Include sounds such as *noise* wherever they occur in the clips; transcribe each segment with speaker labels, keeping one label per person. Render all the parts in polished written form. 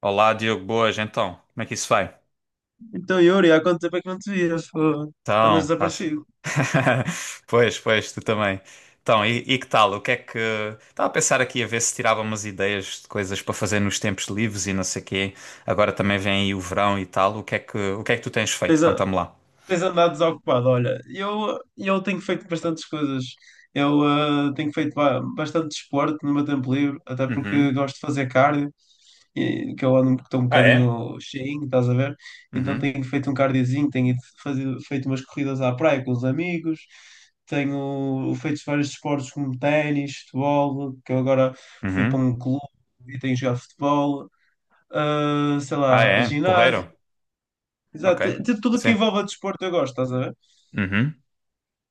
Speaker 1: Olá, Diogo, boas, então, como é que isso vai?
Speaker 2: Então, Yuri, há quanto tempo é que não te vias? Fogo. Tu andas
Speaker 1: Então, estás.
Speaker 2: desaparecido.
Speaker 1: *laughs* Pois, pois, tu também. Então, e que tal? O que é que. Estava a pensar aqui a ver se tirava umas ideias de coisas para fazer nos tempos livres e não sei quê. Agora também vem aí o verão e tal. O que é que tu tens feito?
Speaker 2: Tens, a-
Speaker 1: Conta-me lá.
Speaker 2: Tens andado desocupado. Olha, eu tenho feito bastantes coisas. Eu tenho feito bastante desporto no meu tempo livre, até porque
Speaker 1: Uhum.
Speaker 2: gosto de fazer cardio, e, que eu ando, estou um
Speaker 1: Ah, é?
Speaker 2: bocadinho cheinho, estás a ver? Então
Speaker 1: Uhum.
Speaker 2: tenho feito um cardiozinho, tenho ido fazer, feito umas corridas à praia com os amigos, tenho feito vários desportos como ténis, futebol, que eu agora fui para
Speaker 1: Uhum.
Speaker 2: um clube e tenho jogado futebol. Sei
Speaker 1: Ah,
Speaker 2: lá,
Speaker 1: é?
Speaker 2: ginásio,
Speaker 1: Porreiro? Ok.
Speaker 2: exato, de tudo que
Speaker 1: Sim.
Speaker 2: envolve desporto eu gosto, estás a ver?
Speaker 1: Uhum.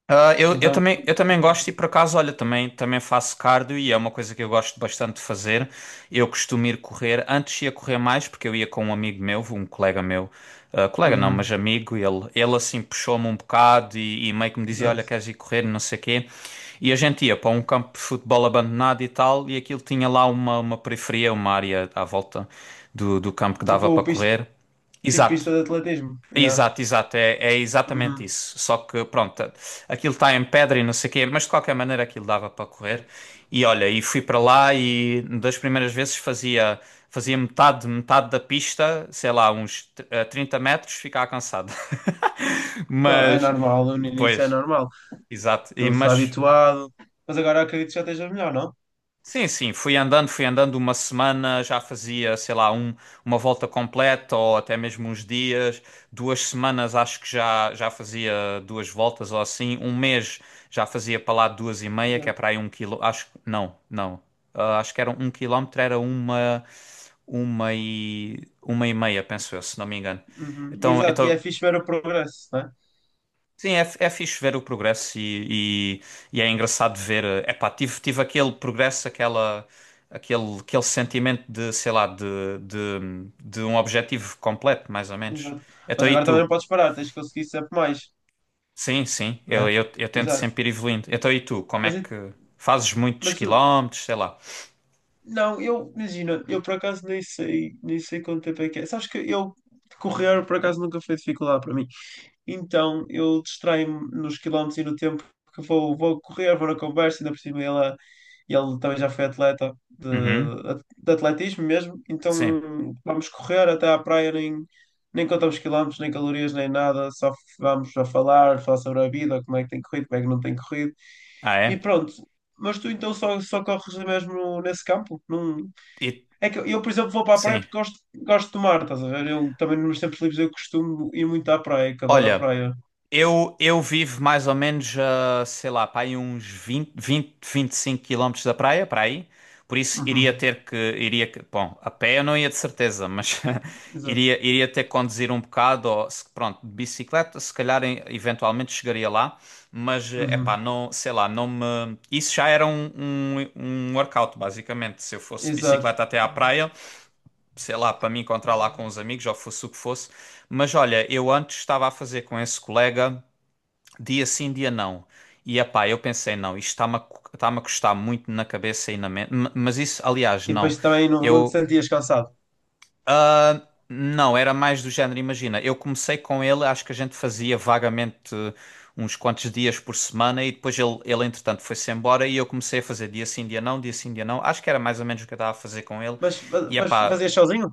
Speaker 1: Ah, eu, eu
Speaker 2: Então,
Speaker 1: também,
Speaker 2: pronto,
Speaker 1: eu também
Speaker 2: tenho feito
Speaker 1: gosto e
Speaker 2: isso.
Speaker 1: por acaso, olha, também faço cardio e é uma coisa que eu gosto bastante de fazer. Eu costumo ir correr, antes ia correr mais porque eu ia com um amigo meu, um colega meu, colega não, mas
Speaker 2: Uhum,
Speaker 1: amigo, ele assim puxou-me um bocado e meio que me dizia, olha,
Speaker 2: exato.
Speaker 1: queres ir correr, não sei quê. E a gente ia para um campo de futebol abandonado e tal, e aquilo tinha lá uma periferia, uma área à volta do campo que dava para
Speaker 2: Tipo, pista,
Speaker 1: correr.
Speaker 2: tipo
Speaker 1: Exato.
Speaker 2: pista de atletismo, yeah.
Speaker 1: Exato, exato, é exatamente
Speaker 2: Uhum.
Speaker 1: isso. Só que, pronto, aquilo está em pedra e não sei o quê, mas de qualquer maneira aquilo dava para correr. E olha, e fui para lá e das primeiras vezes fazia metade da pista, sei lá, uns 30 metros, ficava cansado. *laughs*
Speaker 2: Não, é
Speaker 1: Mas,
Speaker 2: normal, no início é
Speaker 1: pois,
Speaker 2: normal,
Speaker 1: exato. E,
Speaker 2: não se está
Speaker 1: mas
Speaker 2: habituado, mas agora acredito que já esteja melhor, não?
Speaker 1: Sim, sim, fui andando uma semana, já fazia, sei lá, uma volta completa ou até mesmo uns dias. 2 semanas acho que já fazia duas voltas ou assim. Um mês já fazia para lá duas e meia, que é
Speaker 2: Exato.
Speaker 1: para aí um quilo. Acho que, não, não. Ah, acho que era 1 quilómetro, era uma e meia, penso eu, se não me engano.
Speaker 2: Uhum,
Speaker 1: Então,
Speaker 2: exato, e é
Speaker 1: então
Speaker 2: fixe ver o progresso, né?
Speaker 1: Sim, é fixe ver o progresso e é engraçado ver. Epá, tive aquele progresso, aquele sentimento de, sei lá, de um objetivo completo, mais ou menos.
Speaker 2: Exato.
Speaker 1: Então
Speaker 2: Mas
Speaker 1: e
Speaker 2: agora também não
Speaker 1: tu?
Speaker 2: podes parar, tens que conseguir sempre mais,
Speaker 1: Sim, sim, eu,
Speaker 2: né?
Speaker 1: eu, eu tento
Speaker 2: Exato.
Speaker 1: sempre ir evoluindo. Então e tu? Como é
Speaker 2: Mas, e-
Speaker 1: que fazes muitos
Speaker 2: mas o-
Speaker 1: quilómetros, sei lá?
Speaker 2: Não, eu, imagina, eu por acaso nem sei, nem sei quanto tempo é que é. Sabes que eu correr por acaso nunca foi dificuldade para mim. Então eu distraio-me nos quilómetros e no tempo, porque vou, vou correr, vou na conversa, ainda por cima ele também já foi atleta
Speaker 1: Uhum,
Speaker 2: de atletismo mesmo. Então
Speaker 1: sim.
Speaker 2: vamos correr até à praia, nem, nem contamos quilómetros, nem calorias, nem nada, só vamos a falar, falar sobre a vida, como é que tem corrido, como é que não tem corrido.
Speaker 1: Ah,
Speaker 2: E
Speaker 1: é?
Speaker 2: pronto. Mas tu então só, só corres mesmo nesse campo? Não...
Speaker 1: E,
Speaker 2: É que eu, por exemplo, vou para a praia
Speaker 1: sim.
Speaker 2: porque gosto, gosto de mar, estás a ver? Eu também nos tempos livres eu costumo ir muito à praia, que adoro a
Speaker 1: Olha.
Speaker 2: praia.
Speaker 1: Eu vivo mais ou menos, a, sei lá, para aí uns 25 quilómetros da praia, para aí. Por isso
Speaker 2: Uhum,
Speaker 1: iria ter que, iria, que- bom, a pé eu não ia de certeza, mas *laughs*
Speaker 2: exato.
Speaker 1: iria ter que conduzir um bocado, ou, pronto, de bicicleta, se calhar eventualmente chegaria lá, mas, é pá,
Speaker 2: Uhum,
Speaker 1: não, sei lá, não me... Isso já era um workout, basicamente, se eu fosse de
Speaker 2: exato.
Speaker 1: bicicleta até à praia, sei lá, para me encontrar lá com os amigos, ou fosse o que fosse, mas olha, eu antes estava a fazer com esse colega dia sim, dia não. E epá, eu pensei, não, isto está-me a custar muito na cabeça e na mente. Mas isso, aliás,
Speaker 2: E
Speaker 1: não.
Speaker 2: depois também não, não te
Speaker 1: Eu.
Speaker 2: sentias cansado.
Speaker 1: ah, não, era mais do género, imagina. Eu comecei com ele, acho que a gente fazia vagamente uns quantos dias por semana e depois ele entretanto, foi-se embora e eu comecei a fazer dia sim, dia não, dia sim, dia não. Acho que era mais ou menos o que eu estava a fazer com ele. E
Speaker 2: Mas
Speaker 1: epá,
Speaker 2: fazias sozinho?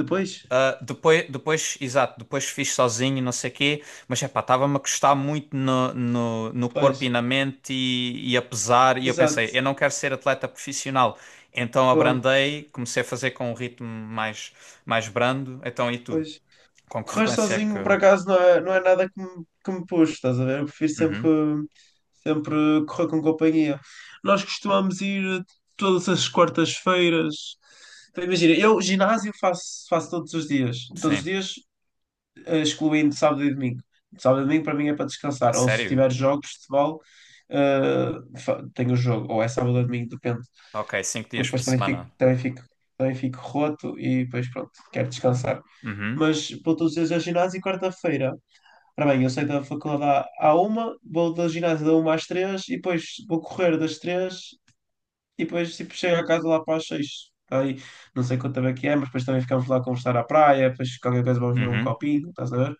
Speaker 2: Depois?
Speaker 1: depois, exato, depois fiz sozinho, não sei o quê, mas epá, estava-me a custar muito no corpo e
Speaker 2: Pois.
Speaker 1: na mente e a pesar, e eu pensei,
Speaker 2: Exato.
Speaker 1: eu não quero ser atleta profissional, então
Speaker 2: Pô,
Speaker 1: abrandei, comecei a fazer com um ritmo mais brando, então e tu?
Speaker 2: pois.
Speaker 1: Com que
Speaker 2: Correr
Speaker 1: frequência é que...
Speaker 2: sozinho, por acaso, não é, não é nada que me, que me puxe, estás a ver? Eu prefiro sempre,
Speaker 1: Uhum,
Speaker 2: sempre correr com companhia. Nós costumamos ir todas as quartas-feiras. Então, imagina, eu ginásio faço, faço todos os dias. Todos os
Speaker 1: sim,
Speaker 2: dias excluindo sábado e domingo. Sábado e domingo para mim é para
Speaker 1: a
Speaker 2: descansar. Ou se
Speaker 1: sério?
Speaker 2: tiver jogos de futebol, tenho o jogo. Ou é sábado ou domingo, depende.
Speaker 1: Ok, cinco
Speaker 2: Porque
Speaker 1: dias por
Speaker 2: depois também
Speaker 1: semana.
Speaker 2: fico roto e depois pronto, quero descansar.
Speaker 1: Uhum,
Speaker 2: Mas vou todos os dias ao ginásio e quarta-feira. Ora bem, eu saio da faculdade à uma, vou da ginásio da uma às três e depois vou correr das três e depois tipo, chego a casa lá para as seis. Tá aí, não sei quanto tempo é que é, mas depois também ficamos lá a conversar à praia, depois qualquer coisa vamos ver um
Speaker 1: uhum,
Speaker 2: copinho, estás a ver?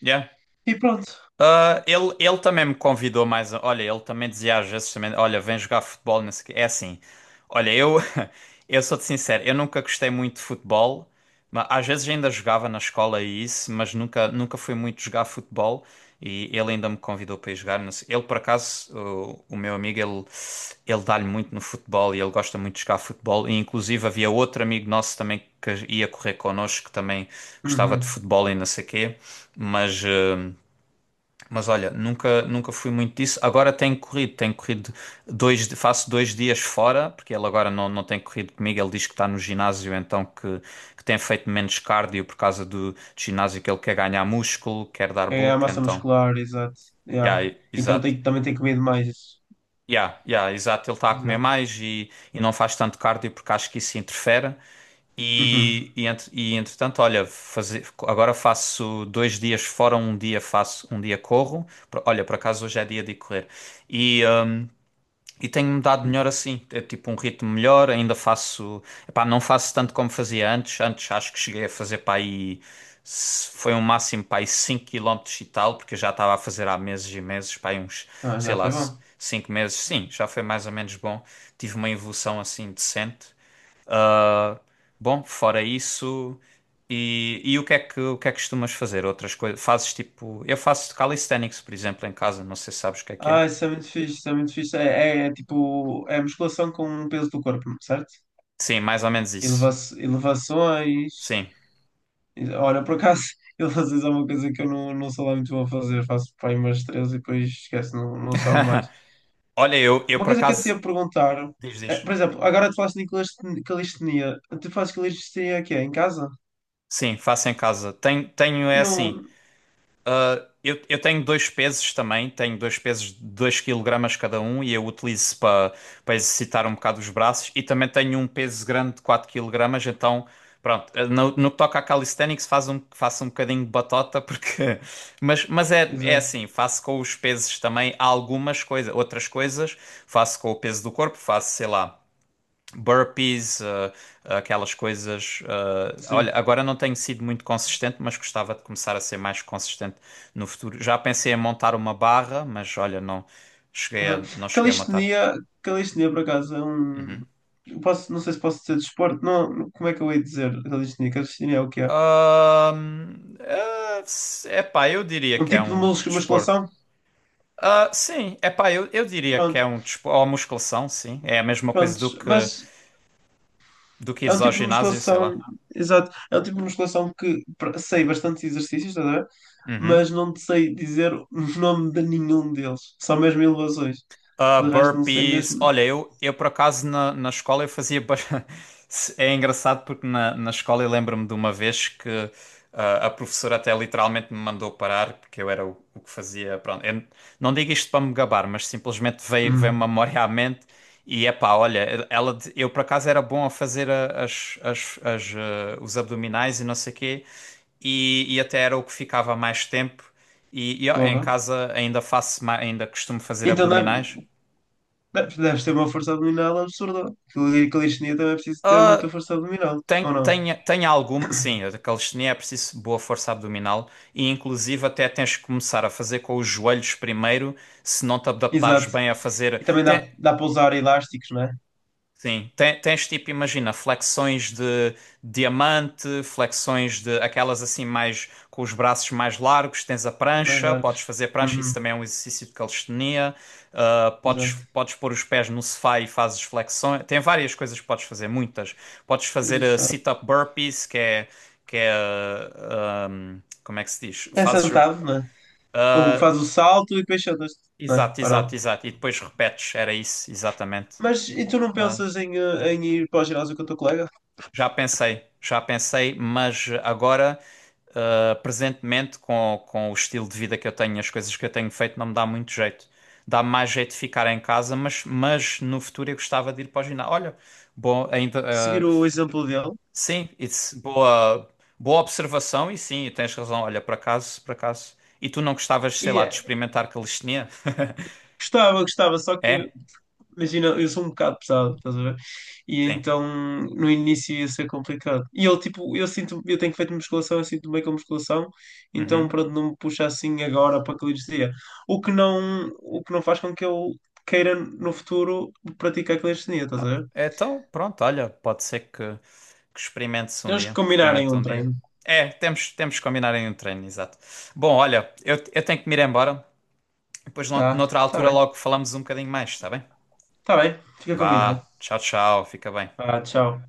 Speaker 1: yeah.
Speaker 2: E pronto,
Speaker 1: Ah, ele também me convidou mais. Olha, ele também dizia às vezes também, olha, vem jogar futebol, não sei o quê. É assim. Olha, eu, *laughs* eu sou-te sincero, eu nunca gostei muito de futebol, mas às vezes ainda jogava na escola e isso, mas nunca fui muito jogar futebol e ele ainda me convidou para ir jogar. Não sei- Ele, por acaso, o meu amigo, ele dá-lhe muito no futebol e ele gosta muito de jogar futebol. E inclusive havia outro amigo nosso também que ia correr connosco, que também gostava de
Speaker 2: uhum.
Speaker 1: futebol e não sei o quê, mas. hum, mas olha, nunca fui muito disso. Agora tenho corrido dois, faço dois dias fora, porque ele agora não tem corrido comigo. Ele diz que está no ginásio, então que tem feito menos cardio por causa do ginásio, que ele quer ganhar músculo, quer dar
Speaker 2: É a
Speaker 1: bulk,
Speaker 2: massa
Speaker 1: então.
Speaker 2: muscular, exato.
Speaker 1: Yeah,
Speaker 2: Yeah. Então
Speaker 1: exato.
Speaker 2: tem, também tem comido mais.
Speaker 1: Yeah, yeah, exato. Ele está a comer
Speaker 2: Exato.
Speaker 1: mais e não faz tanto cardio porque acho que isso interfere.
Speaker 2: Uhum.
Speaker 1: E entretanto, olha, agora faço dois dias fora, um dia faço, um dia corro. Olha, por acaso hoje é dia de correr. E, hum, e tenho-me dado melhor
Speaker 2: Uhum.
Speaker 1: assim, é tipo um ritmo melhor, ainda faço, epá, não faço tanto como fazia antes. Antes acho que cheguei a fazer para aí, foi um máximo para aí 5 km e tal, porque eu já estava a fazer há meses e meses, para aí uns,
Speaker 2: Ah,
Speaker 1: sei
Speaker 2: já
Speaker 1: lá,
Speaker 2: foi bom.
Speaker 1: 5 meses. Sim, já foi mais ou menos bom. Tive uma evolução assim decente. Ah, bom, fora isso. E o que é que, costumas fazer? Outras coisas? Fazes tipo. Eu faço calisthenics, por exemplo, em casa. Não sei se sabes o que é que é.
Speaker 2: Ah, isso é muito fixe, isso é muito fixe. É tipo, é musculação com o peso do corpo, certo?
Speaker 1: Sim, mais ou menos
Speaker 2: Eleva
Speaker 1: isso.
Speaker 2: elevações.
Speaker 1: Sim.
Speaker 2: Olha, por acaso, *laughs* elevações é uma coisa que eu não, não sou lá muito bom a fazer. Faço para aí umas três e depois esquece, não, não sobe mais.
Speaker 1: *laughs* Olha, eu
Speaker 2: Uma
Speaker 1: por
Speaker 2: coisa que eu te
Speaker 1: acaso.
Speaker 2: ia perguntar,
Speaker 1: Diz,
Speaker 2: é,
Speaker 1: diz.
Speaker 2: por exemplo, agora tu falaste de calistenia. Tu fazes calistenia aqui, em casa?
Speaker 1: Sim, faço em casa. Tenho
Speaker 2: E
Speaker 1: é assim.
Speaker 2: não.
Speaker 1: Ah, eu tenho dois pesos também, tenho dois pesos de 2 kg cada um e eu utilizo para exercitar um bocado os braços e também tenho um peso grande de 4 kg, então pronto, no que toca a calisthenics faço um bocadinho de batota porque *laughs* mas é
Speaker 2: Exato.
Speaker 1: assim, faço com os pesos também algumas coisas, outras coisas faço com o peso do corpo, faço sei lá burpees, aquelas coisas. Olha,
Speaker 2: Sim.
Speaker 1: agora não tenho sido muito consistente, mas gostava de começar a ser mais consistente no futuro. Já pensei em montar uma barra, mas olha, não cheguei a,
Speaker 2: Aham.
Speaker 1: não cheguei a montar.
Speaker 2: Calistenia, Calistenia por acaso é um.
Speaker 1: Uhum.
Speaker 2: Eu posso, não sei se posso dizer desporto, não, como é que eu hei de dizer calistenia? Calistenia é o que é?
Speaker 1: Epá, eu diria
Speaker 2: Um
Speaker 1: que é
Speaker 2: tipo de
Speaker 1: um desporto.
Speaker 2: musculação?
Speaker 1: Ah, sim, epá, eu diria que
Speaker 2: Pronto,
Speaker 1: é um desporto. Ou musculação, sim. É a mesma coisa do
Speaker 2: prontos.
Speaker 1: que,
Speaker 2: Mas
Speaker 1: do que
Speaker 2: é um
Speaker 1: ires ao
Speaker 2: tipo de
Speaker 1: ginásio, sei
Speaker 2: musculação,
Speaker 1: lá.
Speaker 2: exato, é um tipo de musculação que sei bastantes exercícios, estás a ver? Mas
Speaker 1: Uhum.
Speaker 2: não te sei dizer o nome de nenhum deles, só mesmo elevações.
Speaker 1: Ah,
Speaker 2: De resto, não sei
Speaker 1: burpees.
Speaker 2: mesmo.
Speaker 1: Olha, eu por acaso na escola eu fazia. *laughs* É engraçado porque na escola eu lembro-me de uma vez que a professora até literalmente me mandou parar porque eu era o que fazia. Pronto, eu não digo isto para me gabar, mas simplesmente veio
Speaker 2: Hum,
Speaker 1: uma memória à mente e epá, olha, eu por acaso era bom a fazer os abdominais e não sei o quê e até era o que ficava mais tempo. E, ó, em
Speaker 2: porra.
Speaker 1: casa ainda faço, ainda costumo fazer
Speaker 2: Então, deve,
Speaker 1: abdominais.
Speaker 2: Deve- deves ter uma força abdominal absurda. Aquilo de calistenia também é preciso ter muita
Speaker 1: Ah,
Speaker 2: força abdominal,
Speaker 1: tem,
Speaker 2: ou não?
Speaker 1: tem, tem alguma. Sim, a calistenia é preciso boa força abdominal e, inclusive, até tens que começar a fazer com os joelhos primeiro, se não te adaptares
Speaker 2: Exato.
Speaker 1: bem a fazer.
Speaker 2: E também dá,
Speaker 1: Tem,
Speaker 2: dá para usar elásticos, não é?
Speaker 1: Sim, tens tipo, imagina, flexões de diamante, flexões de aquelas assim mais com os braços mais largos, tens a
Speaker 2: Mais
Speaker 1: prancha, podes
Speaker 2: largos.
Speaker 1: fazer prancha, isso
Speaker 2: Uhum.
Speaker 1: também é um exercício de calistenia, Ah, podes,
Speaker 2: Exato.
Speaker 1: podes pôr os pés no sofá e fazes flexões, tem várias coisas que podes fazer, muitas. Podes fazer
Speaker 2: Exato.
Speaker 1: sit-up burpees, que é, como é que se diz?
Speaker 2: É
Speaker 1: Fazes,
Speaker 2: sentado, não é? Ou
Speaker 1: ah,
Speaker 2: faz o salto e depois sentas-te, não é?
Speaker 1: exato,
Speaker 2: Ou
Speaker 1: exato,
Speaker 2: não?
Speaker 1: exato, e depois repetes, era isso, exatamente.
Speaker 2: Mas e tu não
Speaker 1: Ah,
Speaker 2: pensas em, em ir para o ginásio com o teu colega?
Speaker 1: Já pensei, mas agora, presentemente, com o estilo de vida que eu tenho, as coisas que eu tenho feito, não me dá muito jeito. Dá mais jeito de ficar em casa, mas no futuro eu gostava de ir para o ginásio. Olha, bom, ainda,
Speaker 2: Seguir o exemplo dele.
Speaker 1: sim, it's boa observação e sim, tens razão. Olha, por acaso. E tu não gostavas, sei
Speaker 2: E
Speaker 1: lá, de
Speaker 2: eh,
Speaker 1: experimentar calistenia? *laughs*
Speaker 2: Gostava, gostava, só que
Speaker 1: É?
Speaker 2: imagina, eu sou um bocado pesado, estás a ver? E
Speaker 1: Sim.
Speaker 2: então no início ia ser complicado. E ele, tipo, eu sinto, eu tenho feito musculação, eu sinto bem com musculação, então
Speaker 1: Uhum.
Speaker 2: pronto, não me puxa assim agora para calistenia. O que não faz com que eu queira no futuro praticar calistenia, estás a
Speaker 1: Ah,
Speaker 2: ver?
Speaker 1: então, pronto, olha, pode ser que experimente-se um
Speaker 2: Temos que
Speaker 1: dia.
Speaker 2: combinarem
Speaker 1: Experimente
Speaker 2: um
Speaker 1: um dia.
Speaker 2: treino,
Speaker 1: É, temos que combinar em um treino, exato. Bom, olha, eu tenho que me ir embora. Depois,
Speaker 2: tá?
Speaker 1: noutra altura, logo falamos um bocadinho mais, está bem?
Speaker 2: Tá bem, fica combinado.
Speaker 1: Vá, tchau, tchau, fica bem.
Speaker 2: Ah, tchau.